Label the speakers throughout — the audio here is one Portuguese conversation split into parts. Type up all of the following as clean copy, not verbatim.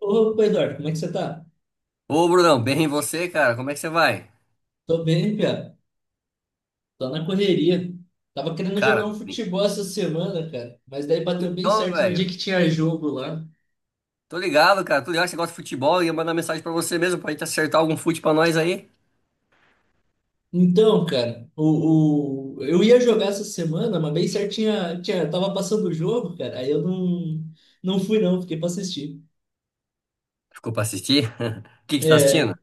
Speaker 1: Opa, Eduardo, como é que você tá?
Speaker 2: Ô, Brunão, bem e você, cara? Como é que você vai?
Speaker 1: Tô bem, Pia. Tô na correria. Tava querendo jogar um
Speaker 2: Cara,
Speaker 1: futebol essa semana, cara, mas daí bateu bem
Speaker 2: então,
Speaker 1: certo no dia
Speaker 2: velho,
Speaker 1: que tinha jogo lá.
Speaker 2: tô ligado, cara. Tô ligado que você gosta de futebol e ia mandar mensagem pra você mesmo pra gente acertar algum fute pra nós aí.
Speaker 1: Então, cara, eu ia jogar essa semana, mas bem certo tava passando o jogo, cara, aí eu não, não fui não, fiquei pra assistir.
Speaker 2: Ficou pra assistir? O que que você tá
Speaker 1: É,
Speaker 2: assistindo?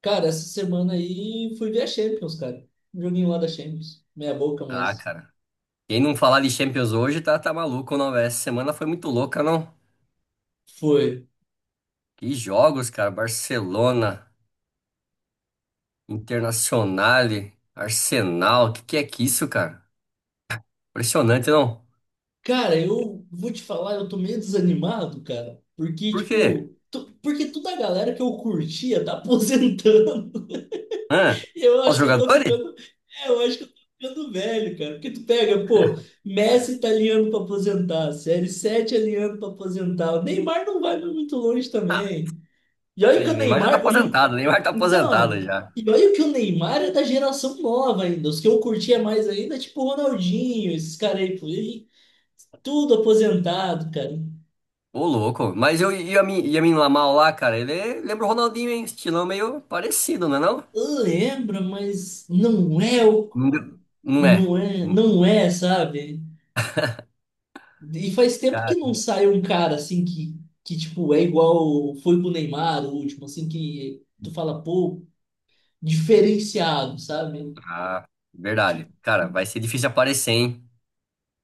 Speaker 1: cara, essa semana aí fui ver a Champions, cara. Um joguinho lá da Champions. Meia boca,
Speaker 2: Ah,
Speaker 1: mas
Speaker 2: cara, quem não falar de Champions hoje tá maluco, não, velho? Essa semana foi muito louca, não?
Speaker 1: foi.
Speaker 2: Que jogos, cara. Barcelona, Internazionale, Arsenal. Que é que isso, cara? Impressionante, não?
Speaker 1: Cara, eu vou te falar, eu tô meio desanimado, cara, porque,
Speaker 2: Por quê?
Speaker 1: tipo, porque toda a galera que eu curtia tá aposentando.
Speaker 2: Hã?
Speaker 1: E eu
Speaker 2: Os
Speaker 1: acho que eu tô
Speaker 2: jogadores?
Speaker 1: ficando, eu acho que eu tô ficando velho, cara, porque tu pega, pô, Messi tá alinhando pra aposentar, CR7 alinhando pra aposentar, o Neymar não vai muito longe
Speaker 2: Ah,
Speaker 1: também. E olha que o
Speaker 2: Neymar já tá
Speaker 1: Neymar,
Speaker 2: aposentado, Neymar tá aposentado
Speaker 1: então,
Speaker 2: já.
Speaker 1: e olha que o Neymar é da geração nova ainda, os que eu curtia mais ainda, tipo o Ronaldinho, esses caras aí, pô, tudo aposentado, cara.
Speaker 2: Ô, louco. Mas eu, e a mim Lamal lá, cara, lembra o Ronaldinho, hein? Estilão meio parecido, não é não?
Speaker 1: Lembra, mas não é o.
Speaker 2: Não é.
Speaker 1: Não é,
Speaker 2: Hum.
Speaker 1: não é, sabe? E faz tempo que
Speaker 2: Cara,
Speaker 1: não sai um cara assim que, tipo, é igual foi com o Neymar, o último, assim, que tu fala, pô, diferenciado, sabe?
Speaker 2: ah, verdade.
Speaker 1: Tipo,
Speaker 2: Cara, vai ser difícil aparecer, hein?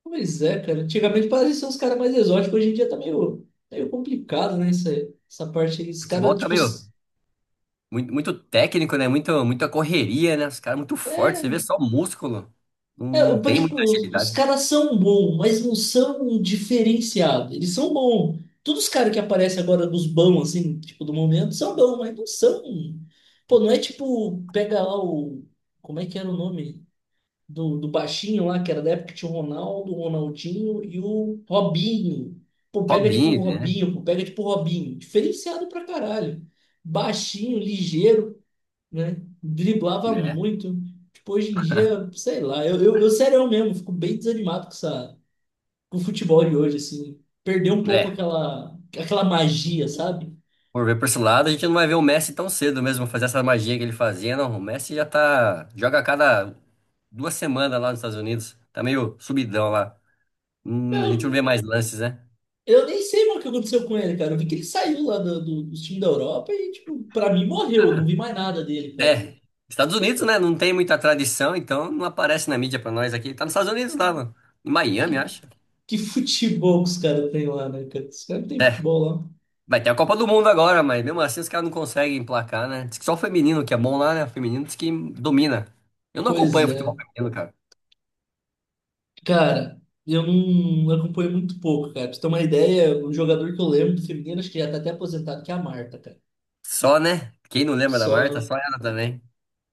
Speaker 1: pois é, cara. Antigamente parecia uns caras mais exóticos, hoje em dia tá meio complicado, né? Essa parte aí. Os
Speaker 2: Futebol
Speaker 1: caras,
Speaker 2: tá
Speaker 1: tipo,
Speaker 2: meio muito, muito técnico, né? Muito, muita correria, né? Os caras muito fortes,
Speaker 1: é,
Speaker 2: você vê só músculo. Não, não tem
Speaker 1: Tipo,
Speaker 2: muita
Speaker 1: os
Speaker 2: agilidade.
Speaker 1: caras são bons, mas não são diferenciados. Eles são bons. Todos os caras que aparecem agora dos bons, assim, tipo, do momento, são bons, mas não são. Pô, não é tipo, pega lá o. Como é que era o nome? Do baixinho lá, que era da época que tinha o Ronaldo, o Ronaldinho e o Robinho. Pô, pega tipo o
Speaker 2: Robinho, né?
Speaker 1: Robinho, pô, pega tipo o Robinho. Diferenciado pra caralho. Baixinho, ligeiro, né? Driblava muito. Tipo, hoje em dia, sei lá, eu sério mesmo, fico bem desanimado com essa, com o futebol de hoje, assim. Perdeu um
Speaker 2: É.
Speaker 1: pouco
Speaker 2: É.
Speaker 1: aquela, aquela magia, sabe?
Speaker 2: Por ver por esse lado, a gente não vai ver o Messi tão cedo mesmo fazer essa magia que ele fazia, não. O Messi já tá. Joga a cada duas semanas lá nos Estados Unidos. Tá meio subidão lá. A gente não vê
Speaker 1: Eu,
Speaker 2: mais lances, né?
Speaker 1: eu nem sei mais o que aconteceu com ele, cara. Eu vi que ele saiu lá do, do time da Europa e, tipo, pra mim morreu. Eu não vi mais nada dele, cara.
Speaker 2: É. Estados Unidos, né? Não tem muita tradição, então não aparece na mídia pra nós aqui. Tá nos Estados Unidos lá, mano. Em Miami, acho.
Speaker 1: Que, que futebol que os caras têm lá, né, cara? Os caras não têm
Speaker 2: É.
Speaker 1: futebol lá.
Speaker 2: Vai ter a Copa do Mundo agora, mas mesmo assim os caras não conseguem emplacar, né? Diz que só o feminino que é bom lá, né? O feminino diz que domina. Eu não
Speaker 1: Pois
Speaker 2: acompanho futebol
Speaker 1: é.
Speaker 2: feminino, cara.
Speaker 1: Cara, eu não acompanho muito pouco, cara. Pra você ter uma ideia, o jogador que eu lembro do feminino, acho que já tá até aposentado, que é a Marta, cara.
Speaker 2: Só, né? Quem não lembra da Marta,
Speaker 1: Só.
Speaker 2: só ela também.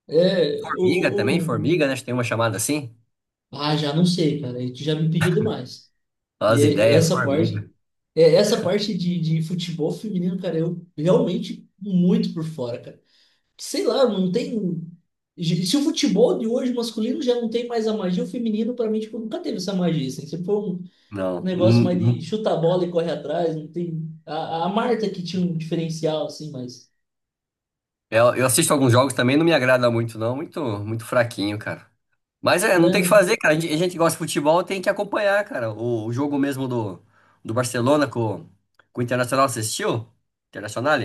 Speaker 1: É.
Speaker 2: Formiga também, formiga, né? Acho que tem uma chamada assim.
Speaker 1: Ah, já não sei, cara. Aí tu já me pediu demais.
Speaker 2: Olha as
Speaker 1: E
Speaker 2: ideias,
Speaker 1: essa parte.
Speaker 2: formiga.
Speaker 1: Essa parte de futebol feminino, cara, eu realmente muito por fora, cara. Sei lá, não tem. Se o futebol de hoje masculino já não tem mais a magia, o feminino, pra mim, tipo, nunca teve essa magia, assim. Sempre foi um
Speaker 2: Não.
Speaker 1: negócio
Speaker 2: Hum,
Speaker 1: mais de
Speaker 2: hum.
Speaker 1: chuta a bola e corre atrás. Não tem. A Marta que tinha um diferencial, assim, mas.
Speaker 2: Eu assisto alguns jogos também, não me agrada muito, não. Muito, muito fraquinho, cara. Mas é, não tem o que
Speaker 1: Né?
Speaker 2: fazer, cara. A gente que gosta de futebol, tem que acompanhar, cara. O jogo mesmo do Barcelona com o Internacional, você assistiu? Internacional?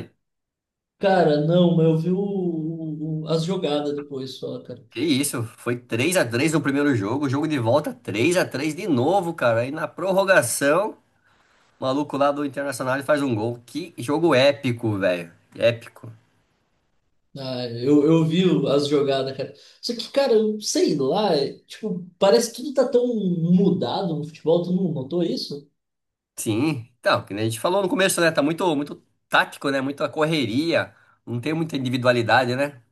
Speaker 1: Cara, não, mas eu vi o, as jogadas depois só, cara.
Speaker 2: Que isso, foi 3-3 no primeiro jogo, jogo de volta 3-3 de novo, cara. Aí na prorrogação, o maluco lá do Internacional faz um gol. Que jogo épico, velho. Épico.
Speaker 1: Ah, eu vi as jogadas, cara. Só que, cara, eu sei lá, tipo, parece que tudo tá tão mudado no futebol, tu não notou isso?
Speaker 2: Sim, então, que nem a gente falou no começo, né? Tá muito, muito tático, né? Muita correria, não tem muita individualidade, né?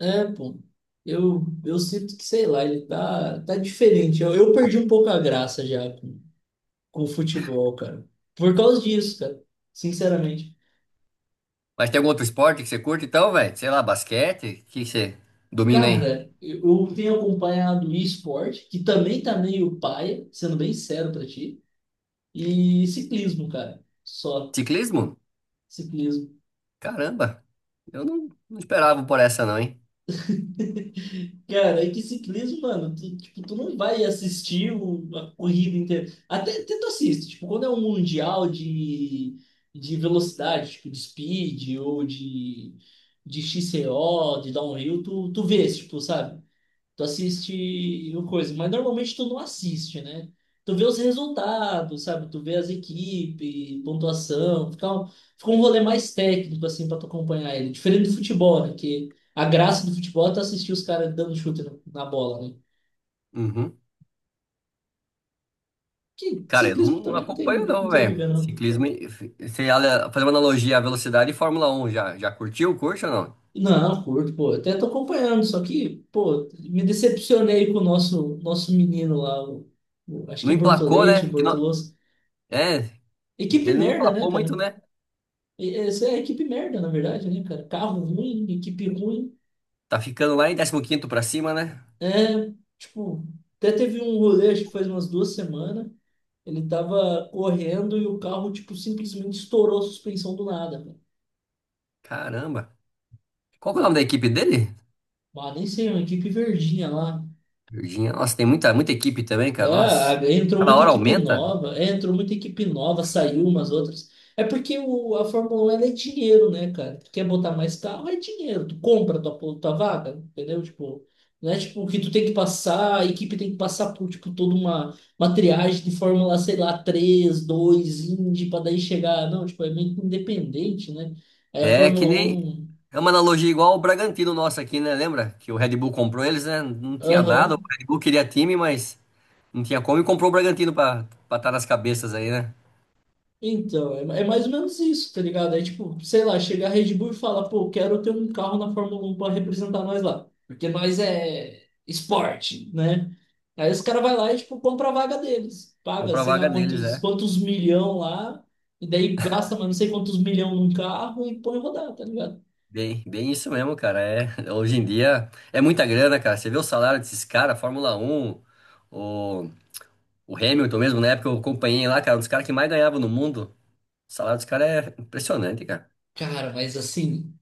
Speaker 1: É, pô. Eu sinto que, sei lá, ele tá diferente. Eu perdi um pouco a graça já com o futebol, cara. Por causa disso, cara. Sinceramente.
Speaker 2: Mas tem algum outro esporte que você curte, então, velho? Sei lá, basquete, o que que você domina aí?
Speaker 1: Cara, eu tenho acompanhado e-sport, que também tá meio paia, sendo bem sério pra ti, e ciclismo, cara. Só
Speaker 2: Ciclismo?
Speaker 1: ciclismo.
Speaker 2: Caramba, eu não esperava por essa, não, hein?
Speaker 1: Cara, é que ciclismo, mano, tipo, tu não vai assistir a corrida inteira. Até tu assiste, tipo, quando é um mundial de, velocidade, tipo, de speed ou de, XCO, de downhill, tu vês, tipo, sabe? Tu assiste o coisa, mas normalmente tu não assiste, né? Tu vê os resultados, sabe? Tu vê as equipes, pontuação, fica um rolê mais técnico, assim, pra tu acompanhar ele. Diferente do futebol, né? Que a graça do futebol é tu assistir os caras dando chute na, na bola, né?
Speaker 2: Uhum.
Speaker 1: Que
Speaker 2: Cara, eu não,
Speaker 1: ciclismo
Speaker 2: não
Speaker 1: também não tem,
Speaker 2: acompanho,
Speaker 1: não
Speaker 2: não,
Speaker 1: tem o que
Speaker 2: velho.
Speaker 1: ver, não.
Speaker 2: Ciclismo, você fazer uma analogia à velocidade e Fórmula 1 já curtiu, curte ou não?
Speaker 1: Não, curto, pô. Até tô acompanhando, só que, pô, me decepcionei com o nosso, nosso menino lá, acho que
Speaker 2: Não
Speaker 1: é
Speaker 2: emplacou,
Speaker 1: Bortoletti,
Speaker 2: né? Que não,
Speaker 1: Bortoloso.
Speaker 2: é,
Speaker 1: Equipe
Speaker 2: ele não
Speaker 1: merda, né,
Speaker 2: emplacou muito,
Speaker 1: cara?
Speaker 2: né?
Speaker 1: E essa é a equipe merda, na verdade, né, cara? Carro ruim, equipe ruim.
Speaker 2: Tá ficando lá em 15º pra cima, né?
Speaker 1: É, tipo, até teve um rolê, acho que faz umas duas semanas. Ele tava correndo e o carro, tipo, simplesmente estourou a suspensão do nada, cara.
Speaker 2: Caramba. Qual que é o nome da equipe dele?
Speaker 1: Ah, nem sei, é uma equipe verdinha lá.
Speaker 2: Virgínia. Nossa, tem muita, muita equipe também, cara.
Speaker 1: É,
Speaker 2: Nossa.
Speaker 1: entrou
Speaker 2: Cada
Speaker 1: muita
Speaker 2: hora
Speaker 1: equipe
Speaker 2: aumenta.
Speaker 1: nova, saiu umas outras. É porque a Fórmula 1 ela é dinheiro, né, cara? Tu quer botar mais carro, é dinheiro. Tu compra tua vaga, entendeu? Tipo, não é tipo que tu tem que passar, a equipe tem que passar por tipo toda uma triagem de Fórmula, sei lá, 3 2 Indy, pra daí chegar. Não, tipo, é meio que independente, né? Aí a
Speaker 2: É que
Speaker 1: Fórmula
Speaker 2: nem.
Speaker 1: 1.
Speaker 2: É uma analogia igual ao Bragantino nosso aqui, né? Lembra? Que o Red Bull comprou eles, né? Não tinha nada. O
Speaker 1: Aham.
Speaker 2: Red Bull queria time, mas não tinha como e comprou o Bragantino pra estar nas cabeças aí, né?
Speaker 1: Então, é mais ou menos isso, tá ligado? É tipo, sei lá, chega a Red Bull e fala, pô, quero ter um carro na Fórmula 1 para representar nós lá. Porque nós é esporte, né? Aí os caras vai lá e, tipo, compra a vaga deles. Paga,
Speaker 2: Comprar a
Speaker 1: sei
Speaker 2: vaga
Speaker 1: lá,
Speaker 2: deles,
Speaker 1: quantos,
Speaker 2: é.
Speaker 1: quantos milhão lá. E daí gasta, mas não sei quantos milhão num carro e põe rodar, tá ligado?
Speaker 2: Bem, bem isso mesmo, cara. É, hoje em dia é muita grana, cara. Você vê o salário desses caras, Fórmula 1, o, o Hamilton mesmo, na época eu acompanhei lá, cara, um dos caras que mais ganhava no mundo. O salário dos caras é impressionante, cara.
Speaker 1: Cara, mas assim,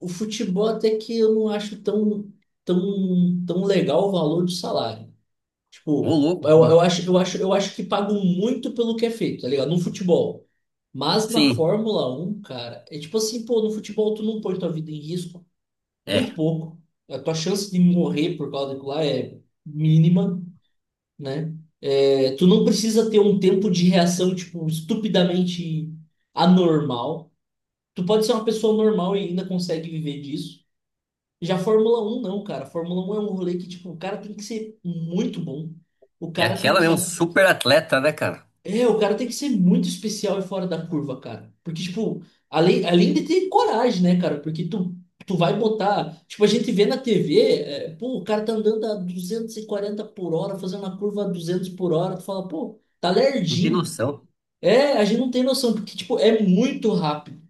Speaker 1: o futebol até que eu não acho tão, tão, tão legal o valor do salário.
Speaker 2: Ô,
Speaker 1: Tipo,
Speaker 2: louco, como?
Speaker 1: eu acho que pagam muito pelo que é feito, tá ligado? No futebol. Mas na
Speaker 2: Sim,
Speaker 1: Fórmula Um cara, é tipo assim, pô, no futebol tu não põe tua vida em risco, muito
Speaker 2: é.
Speaker 1: pouco. A tua chance de morrer por causa daquilo lá é mínima, né? É, tu não precisa ter um tempo de reação, tipo, estupidamente anormal. Tu pode ser uma pessoa normal e ainda consegue viver disso. Já Fórmula Um não, cara. Fórmula Um é um rolê que, tipo, o cara tem que ser muito bom. O
Speaker 2: É
Speaker 1: cara tem
Speaker 2: aquela mesmo,
Speaker 1: que
Speaker 2: super atleta, né, cara?
Speaker 1: o cara tem que ser muito especial e fora da curva, cara. Porque, tipo, além de ter coragem, né, cara? Porque tu vai botar. Tipo, a gente vê na TV, pô, o cara tá andando a 240 por hora, fazendo uma curva a 200 por hora. Tu fala, pô, tá
Speaker 2: Não tem
Speaker 1: lerdinho.
Speaker 2: noção.
Speaker 1: É, a gente não tem noção, porque, tipo, é muito rápido.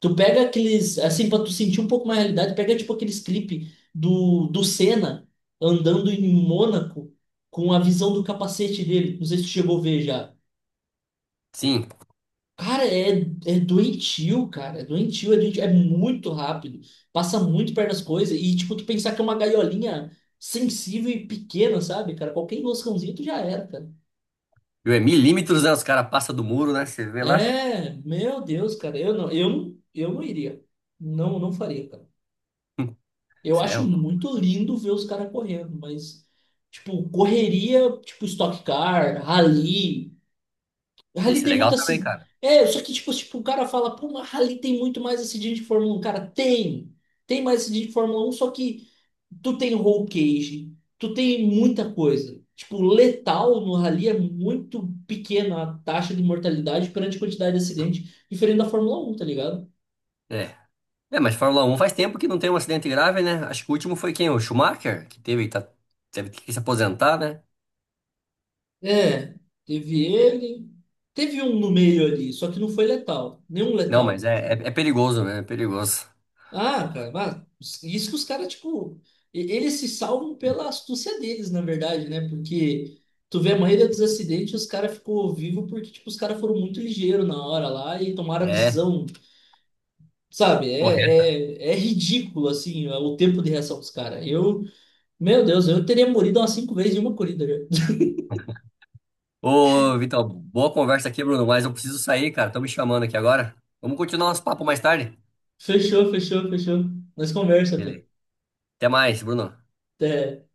Speaker 1: Tu pega aqueles. Assim, pra tu sentir um pouco mais a realidade, pega, tipo, aqueles clipes do, do Senna andando em Mônaco com a visão do capacete dele. Não sei se tu chegou a ver já.
Speaker 2: Sim.
Speaker 1: Cara, é doentio, cara. É doentio, é doentio, é muito rápido. Passa muito perto das coisas. E, tipo, tu pensar que é uma gaiolinha sensível e pequena, sabe, cara? Qualquer enroscãozinho tu já era, cara.
Speaker 2: Viu, é milímetros, né? Os caras passam do muro, né? Você vê lá.
Speaker 1: É, meu Deus, cara. Eu não, eu não, eu não iria. Não, não faria, cara.
Speaker 2: Hum,
Speaker 1: Eu
Speaker 2: Isso é
Speaker 1: acho
Speaker 2: louco.
Speaker 1: muito lindo ver os caras correndo, mas, tipo, correria, tipo, Stock Car, Rally. Rally
Speaker 2: Isso é
Speaker 1: tem
Speaker 2: legal
Speaker 1: muito
Speaker 2: também,
Speaker 1: assim.
Speaker 2: cara.
Speaker 1: É, só que tipo, o cara fala, pô, mas Rally tem muito mais acidente de Fórmula Um. Cara, tem. Tem mais acidente de Fórmula Um. Só que tu tem roll cage, tu tem muita coisa. Tipo, letal no Rally é muito pequena a taxa de mortalidade perante a quantidade de acidente, diferente da Fórmula Um, tá ligado?
Speaker 2: É. É, mas Fórmula 1 faz tempo que não tem um acidente grave, né? Acho que o último foi quem? O Schumacher, que teve que se aposentar, né?
Speaker 1: É, teve ele. Teve um no meio ali, só que não foi letal. Nenhum
Speaker 2: Não, mas
Speaker 1: letal.
Speaker 2: é,
Speaker 1: Tipo,
Speaker 2: é, é perigoso, né? É perigoso.
Speaker 1: ah, cara, mas isso que os caras, tipo, eles se salvam pela astúcia deles, na verdade, né? Porque tu vê a maioria dos acidentes, os caras ficou vivo porque, tipo, os caras foram muito ligeiros na hora lá e tomaram a
Speaker 2: É.
Speaker 1: decisão, sabe?
Speaker 2: Correr
Speaker 1: É ridículo, assim, o tempo de reação dos caras. Eu, meu Deus, eu teria morrido umas cinco vezes em uma corrida, já.
Speaker 2: Ô, Vitor, boa conversa aqui, Bruno, mas eu preciso sair, cara. Estão me chamando aqui agora. Vamos continuar nosso papo mais tarde?
Speaker 1: Fechou, fechou, fechou. Nós conversa, cara.
Speaker 2: Beleza. Até mais, Bruno.
Speaker 1: Até.